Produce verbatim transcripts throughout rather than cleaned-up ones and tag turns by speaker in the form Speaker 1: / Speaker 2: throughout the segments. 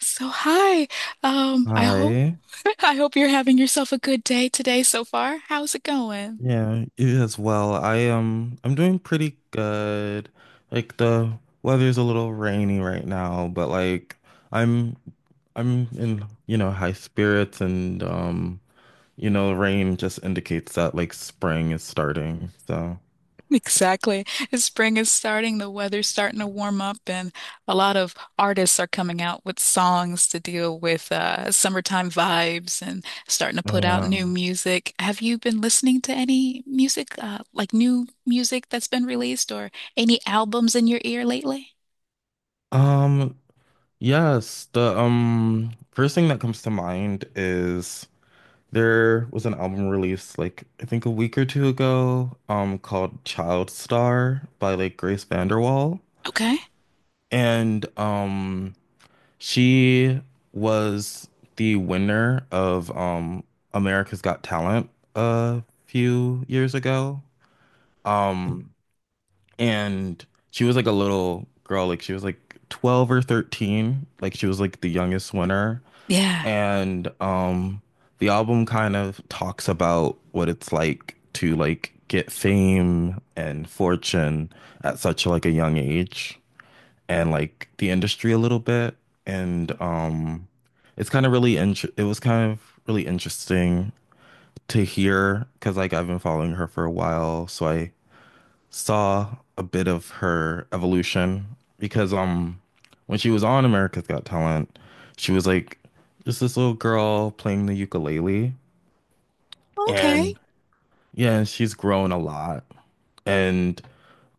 Speaker 1: So hi. Um, I hope
Speaker 2: Hi.
Speaker 1: I hope you're having yourself a good day today so far. How's it going?
Speaker 2: Yeah, you as well. I um I'm doing pretty good. Like the weather's a little rainy right now, but like I'm I'm in, you know, high spirits and um, you know, rain just indicates that like spring is starting. So,
Speaker 1: Exactly. Spring is starting, the weather's starting to warm up, and a lot of artists are coming out with songs to deal with uh, summertime vibes and starting to
Speaker 2: oh,
Speaker 1: put out
Speaker 2: yeah.
Speaker 1: new music. Have you been listening to any music, uh, like new music that's been released or any albums in your ear lately?
Speaker 2: Um, yes, the um first thing that comes to mind is there was an album released like I think a week or two ago, um, called Child Star by like Grace VanderWaal.
Speaker 1: Okay.
Speaker 2: And um she was the winner of um America's Got Talent a few years ago. Um and she was like a little girl, like she was like twelve or thirteen, like she was like the youngest winner.
Speaker 1: Yeah.
Speaker 2: And um the album kind of talks about what it's like to like get fame and fortune at such like a young age and like the industry a little bit and um it's kind of really int it was kind of really interesting to hear because like I've been following her for a while, so I saw a bit of her evolution because um when she was on America's Got Talent, she was like just this little girl playing the ukulele
Speaker 1: Okay.
Speaker 2: and yeah, she's grown a lot and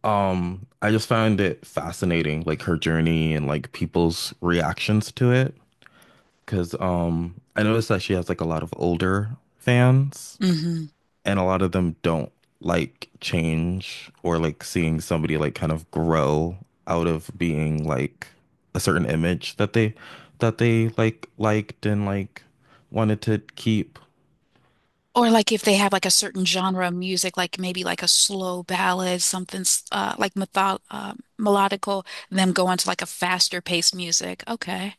Speaker 2: um I just found it fascinating like her journey and like people's reactions to it because um I noticed that she has like a lot of older fans and a lot of them don't like change or like seeing somebody like kind of grow out of being like a certain image that they that they like liked and like wanted to keep.
Speaker 1: Or like if they have like a certain genre of music, like maybe like a slow ballad, something s- uh, like method uh, melodical, and then go on to like a faster paced music. Okay.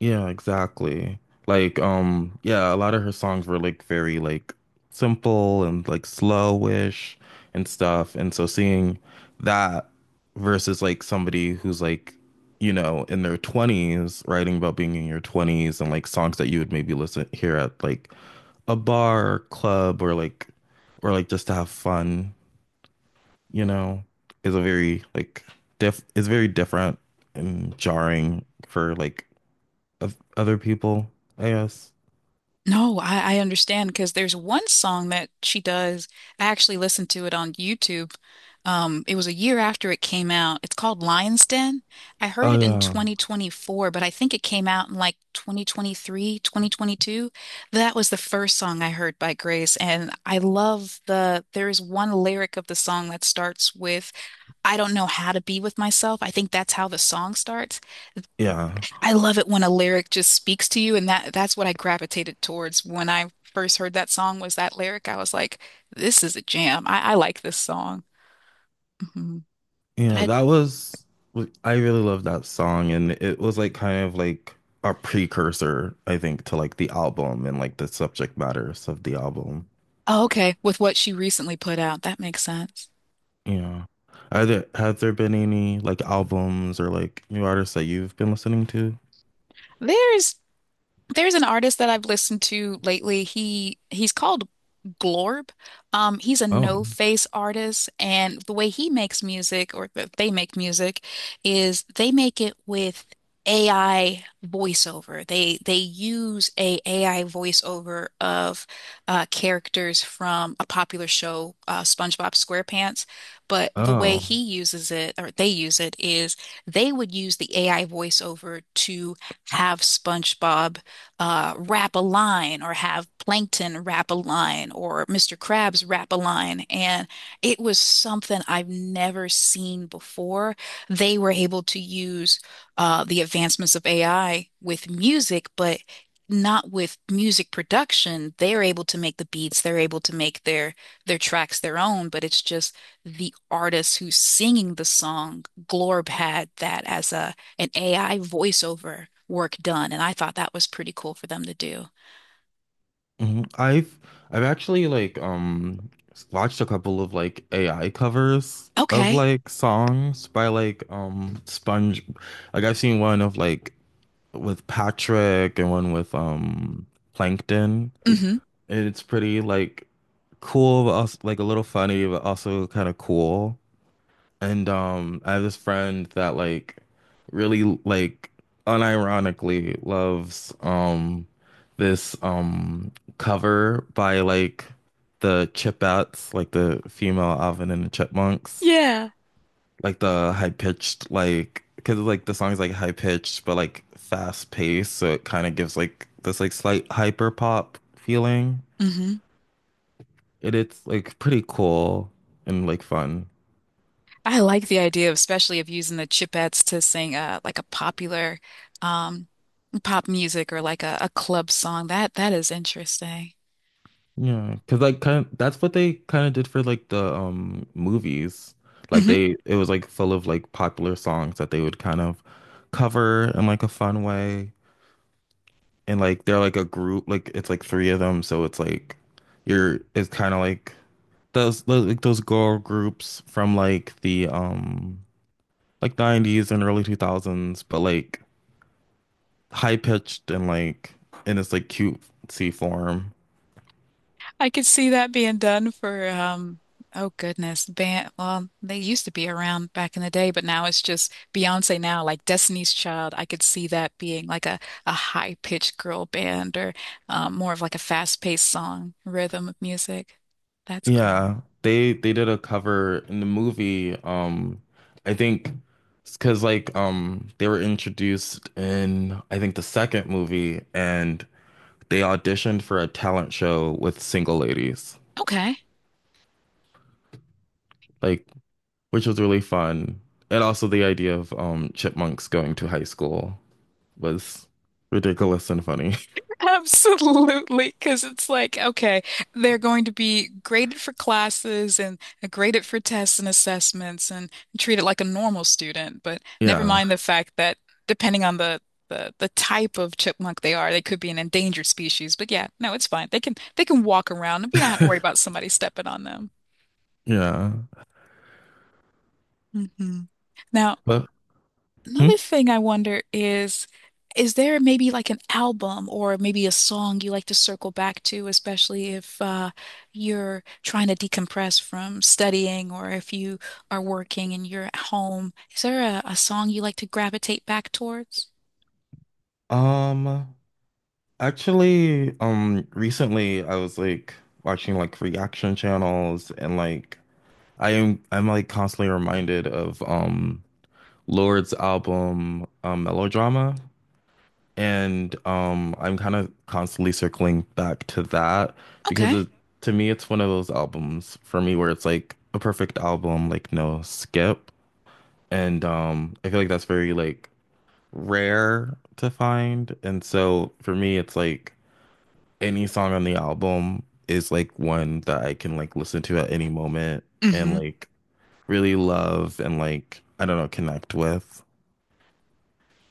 Speaker 2: Yeah, exactly. Like, um, yeah, a lot of her songs were like very like simple and like slowish and stuff. And so seeing that versus like somebody who's like, you know, in their twenties, writing about being in your twenties and like songs that you would maybe listen hear at like a bar or club, or like or like just to have fun, you know, is a very like diff is very different and jarring for like of other people, I guess.
Speaker 1: No, I, I understand because there's one song that she does. I actually listened to it on YouTube. Um, it was a year after it came out. It's called Lion's Den. I heard
Speaker 2: Oh
Speaker 1: it in
Speaker 2: yeah.
Speaker 1: twenty twenty-four, but I think it came out in like twenty twenty-three, twenty twenty-two. That was the first song I heard by Grace, and I love the there is one lyric of the song that starts with, I don't know how to be with myself. I think that's how the song starts.
Speaker 2: Yeah.
Speaker 1: I love it when a lyric just speaks to you, and that that's what I gravitated towards when I first heard that song was that lyric. I was like, this is a jam. I, I like this song. hmm But
Speaker 2: Yeah,
Speaker 1: I,
Speaker 2: that was I really love that song, and it was like kind of like a precursor, I think, to like the album and like the subject matters of the album.
Speaker 1: oh, okay, with what she recently put out, that makes sense.
Speaker 2: Yeah. Are there have there been any like albums or like new artists that you've been listening to?
Speaker 1: There's There's an artist that I've listened to lately. He he's called Glorb. Um, he's a
Speaker 2: Oh.
Speaker 1: no-face artist, and the way he makes music, or that they make music, is they make it with A I voiceover. They they use a AI voiceover of uh, characters from a popular show, uh, SpongeBob SquarePants. But the way
Speaker 2: Oh.
Speaker 1: he uses it, or they use it, is they would use the A I voiceover to have SpongeBob uh, wrap a line or have plankton wrap a line or Mister Krabs wrap a line. And it was something I've never seen before. They were able to use uh, the advancements of A I with music, but not with music production. They're able to make the beats, they're able to make their their tracks their own, but it's just the artist who's singing the song. Glorb had that as a an A I voiceover work done, and I thought that was pretty cool for them to do.
Speaker 2: Hmm, I've I've actually like um s- watched a couple of like A I covers of
Speaker 1: Okay.
Speaker 2: like songs by like um Sponge like I've seen one of like with Patrick and one with um Plankton,
Speaker 1: hmm
Speaker 2: and it's pretty like cool but also like a little funny but also kind of cool. And um, I have this friend that like really like unironically loves um this um cover by like the Chipettes, like the female Alvin and the Chipmunks,
Speaker 1: Yeah.
Speaker 2: like the high pitched, like because like the song's like high pitched but like fast paced, so it kind of gives like this like slight hyper pop feeling.
Speaker 1: hmm
Speaker 2: It it's like pretty cool and like fun.
Speaker 1: I like the idea of especially of using the Chipettes to sing uh like a popular um pop music or like a, a club song. That that is interesting.
Speaker 2: Yeah, because like kind of, that's what they kind of did for like the um movies. Like
Speaker 1: Mhm.
Speaker 2: they it was like full of like popular songs that they would kind of cover in like a fun way. And like they're like a group, like it's like three of them, so it's like you're it's kind of like those those- like those girl groups from like the um like nineties and early two thousands, but like high pitched and like in this like cute C form.
Speaker 1: I could see that being done for um oh goodness, band well, they used to be around back in the day, but now it's just Beyonce now, like Destiny's Child. I could see that being like a, a high-pitched girl band or um, more of like a fast-paced song, rhythm of music. That's cool.
Speaker 2: Yeah, they they did a cover in the movie. Um, I think because like um they were introduced in I think the second movie, and they auditioned for a talent show with single ladies,
Speaker 1: Okay.
Speaker 2: like, which was really fun. And also the idea of um chipmunks going to high school was ridiculous and funny.
Speaker 1: Absolutely, because it's like, okay, they're going to be graded for classes and uh, graded for tests and assessments and treated like a normal student. But never
Speaker 2: Yeah,
Speaker 1: mind the fact that depending on the, the the type of chipmunk they are, they could be an endangered species. But yeah, no, it's fine. They can they can walk around. We don't have to worry about somebody stepping on them.
Speaker 2: yeah,
Speaker 1: hmm Now,
Speaker 2: but hmm?
Speaker 1: another thing I wonder is, is there maybe like an album or maybe a song you like to circle back to, especially if uh, you're trying to decompress from studying or if you are working and you're at home? Is there a, a song you like to gravitate back towards?
Speaker 2: Um. Actually, um, recently I was like watching like reaction channels, and like I am I'm like constantly reminded of um Lord's album, um Melodrama, and um I'm kind of constantly circling back to that because
Speaker 1: Okay.
Speaker 2: it, to me, it's one of those albums for me where it's like a perfect album, like no skip, and um I feel like that's very like rare to find, and so for me it's like any song on the album is like one that I can like listen to at any moment, and
Speaker 1: Mm-hmm.
Speaker 2: like really love, and like, I don't know, connect with.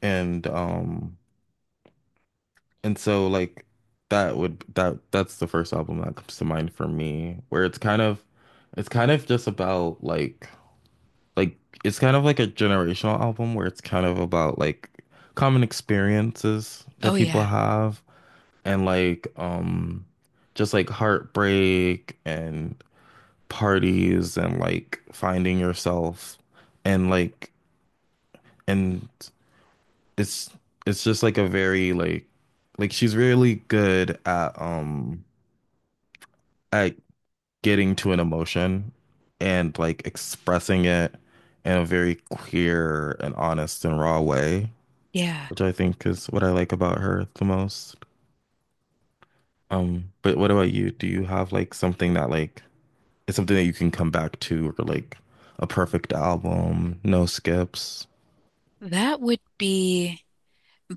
Speaker 2: And um and so like that would that that's the first album that comes to mind for me, where it's kind of it's kind of just about like like it's kind of like a generational album where it's kind of about like common experiences that
Speaker 1: Oh
Speaker 2: people
Speaker 1: yeah.
Speaker 2: have, and like um just like heartbreak and parties and like finding yourself, and like and it's it's just like a very like like she's really good at um at getting to an emotion and like expressing it in a very clear and honest and raw way,
Speaker 1: Yeah.
Speaker 2: which I think is what I like about her the most. Um, but what about you? Do you have like something that like is something that you can come back to, or like a perfect album, no skips?
Speaker 1: That would be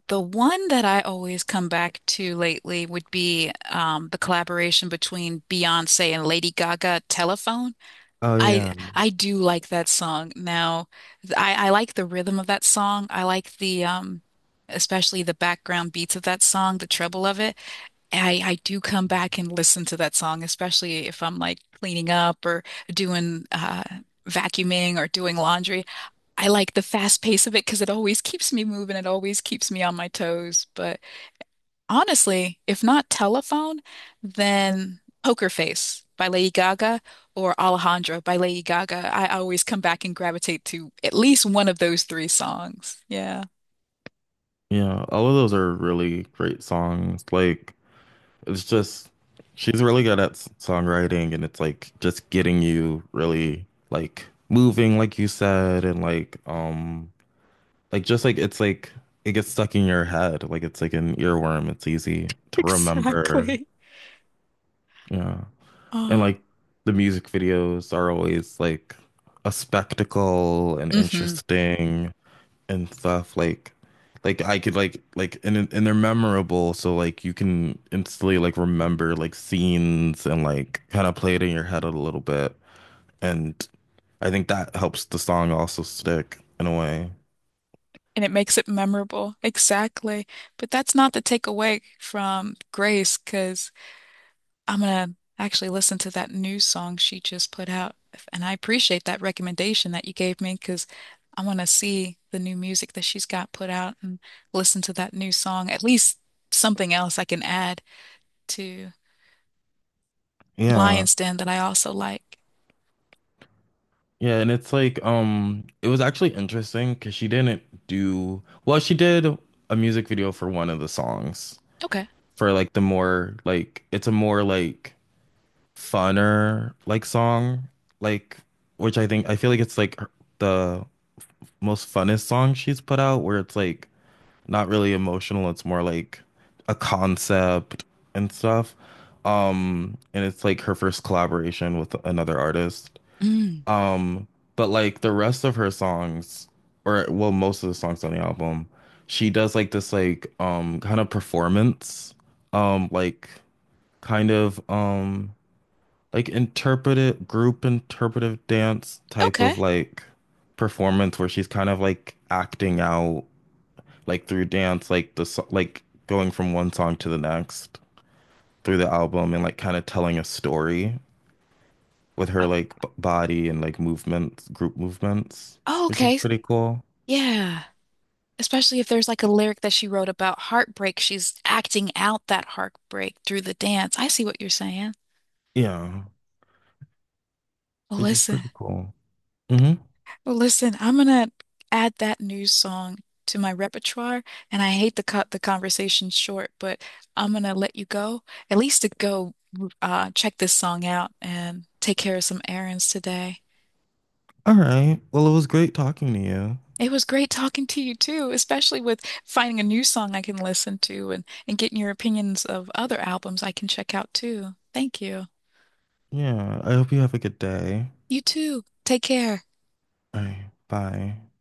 Speaker 1: the one that I always come back to lately would be um, the collaboration between Beyonce and Lady Gaga, Telephone.
Speaker 2: Oh
Speaker 1: I
Speaker 2: yeah,
Speaker 1: I do like that song. Now, th- I I like the rhythm of that song. I like the um especially the background beats of that song, the treble of it. I I do come back and listen to that song, especially if I'm like cleaning up or doing uh vacuuming or doing laundry. I like the fast pace of it because it always keeps me moving. It always keeps me on my toes. But honestly, if not Telephone, then Poker Face by Lady Gaga or Alejandro by Lady Gaga. I always come back and gravitate to at least one of those three songs. Yeah.
Speaker 2: yeah. All of those are really great songs. Like it's just she's really good at s- songwriting, and it's like just getting you really like moving, like you said, and like um, like just like it's like it gets stuck in your head, like it's like an earworm. It's easy to remember.
Speaker 1: Exactly.
Speaker 2: Yeah, and
Speaker 1: Oh,
Speaker 2: like the music videos are always like a spectacle and
Speaker 1: hmm
Speaker 2: interesting and stuff like like I could like like and it- and they're memorable, so like you can instantly like remember like scenes and like kind of play it in your head a little bit, and I think that helps the song also stick in a way.
Speaker 1: and it makes it memorable. Exactly. But that's not the takeaway from Grace, because I'm gonna actually listen to that new song she just put out. And I appreciate that recommendation that you gave me because I want to see the new music that she's got put out and listen to that new song. At least something else I can add to
Speaker 2: Yeah.
Speaker 1: Lion's Den that I also like.
Speaker 2: Yeah, and it's like um it was actually interesting because she didn't do well, she did a music video for one of the songs
Speaker 1: Okay.
Speaker 2: for like the more like, it's a more like funner like song, like which I think I feel like it's like her- the most funnest song she's put out, where it's like not really emotional, it's more like a concept and stuff. Um, and it's like her first collaboration with another artist.
Speaker 1: Mm.
Speaker 2: Um, but like the rest of her songs, or well, most of the songs on the album, she does like this like um kind of performance, um like kind of um like interpretive group interpretive dance type
Speaker 1: Okay.
Speaker 2: of like performance, where she's kind of like acting out like through dance like the so like going from one song to the next through the album and like kind of telling a story with
Speaker 1: Uh,
Speaker 2: her like b body and like movements group movements,
Speaker 1: oh,
Speaker 2: which is
Speaker 1: okay.
Speaker 2: pretty cool.
Speaker 1: Yeah. Especially if there's like a lyric that she wrote about heartbreak, she's acting out that heartbreak through the dance. I see what you're saying.
Speaker 2: yeah
Speaker 1: Well,
Speaker 2: which is
Speaker 1: listen.
Speaker 2: pretty cool hmm
Speaker 1: Well, listen, I'm gonna add that new song to my repertoire, and I hate to cut the conversation short, but I'm gonna let you go, at least to go uh, check this song out and take care of some errands today.
Speaker 2: all right, well, it was great talking to you.
Speaker 1: It was great talking to you too, especially with finding a new song I can listen to and, and getting your opinions of other albums I can check out too. Thank you.
Speaker 2: Yeah, I hope you have a good day.
Speaker 1: You too. Take care.
Speaker 2: All right, bye.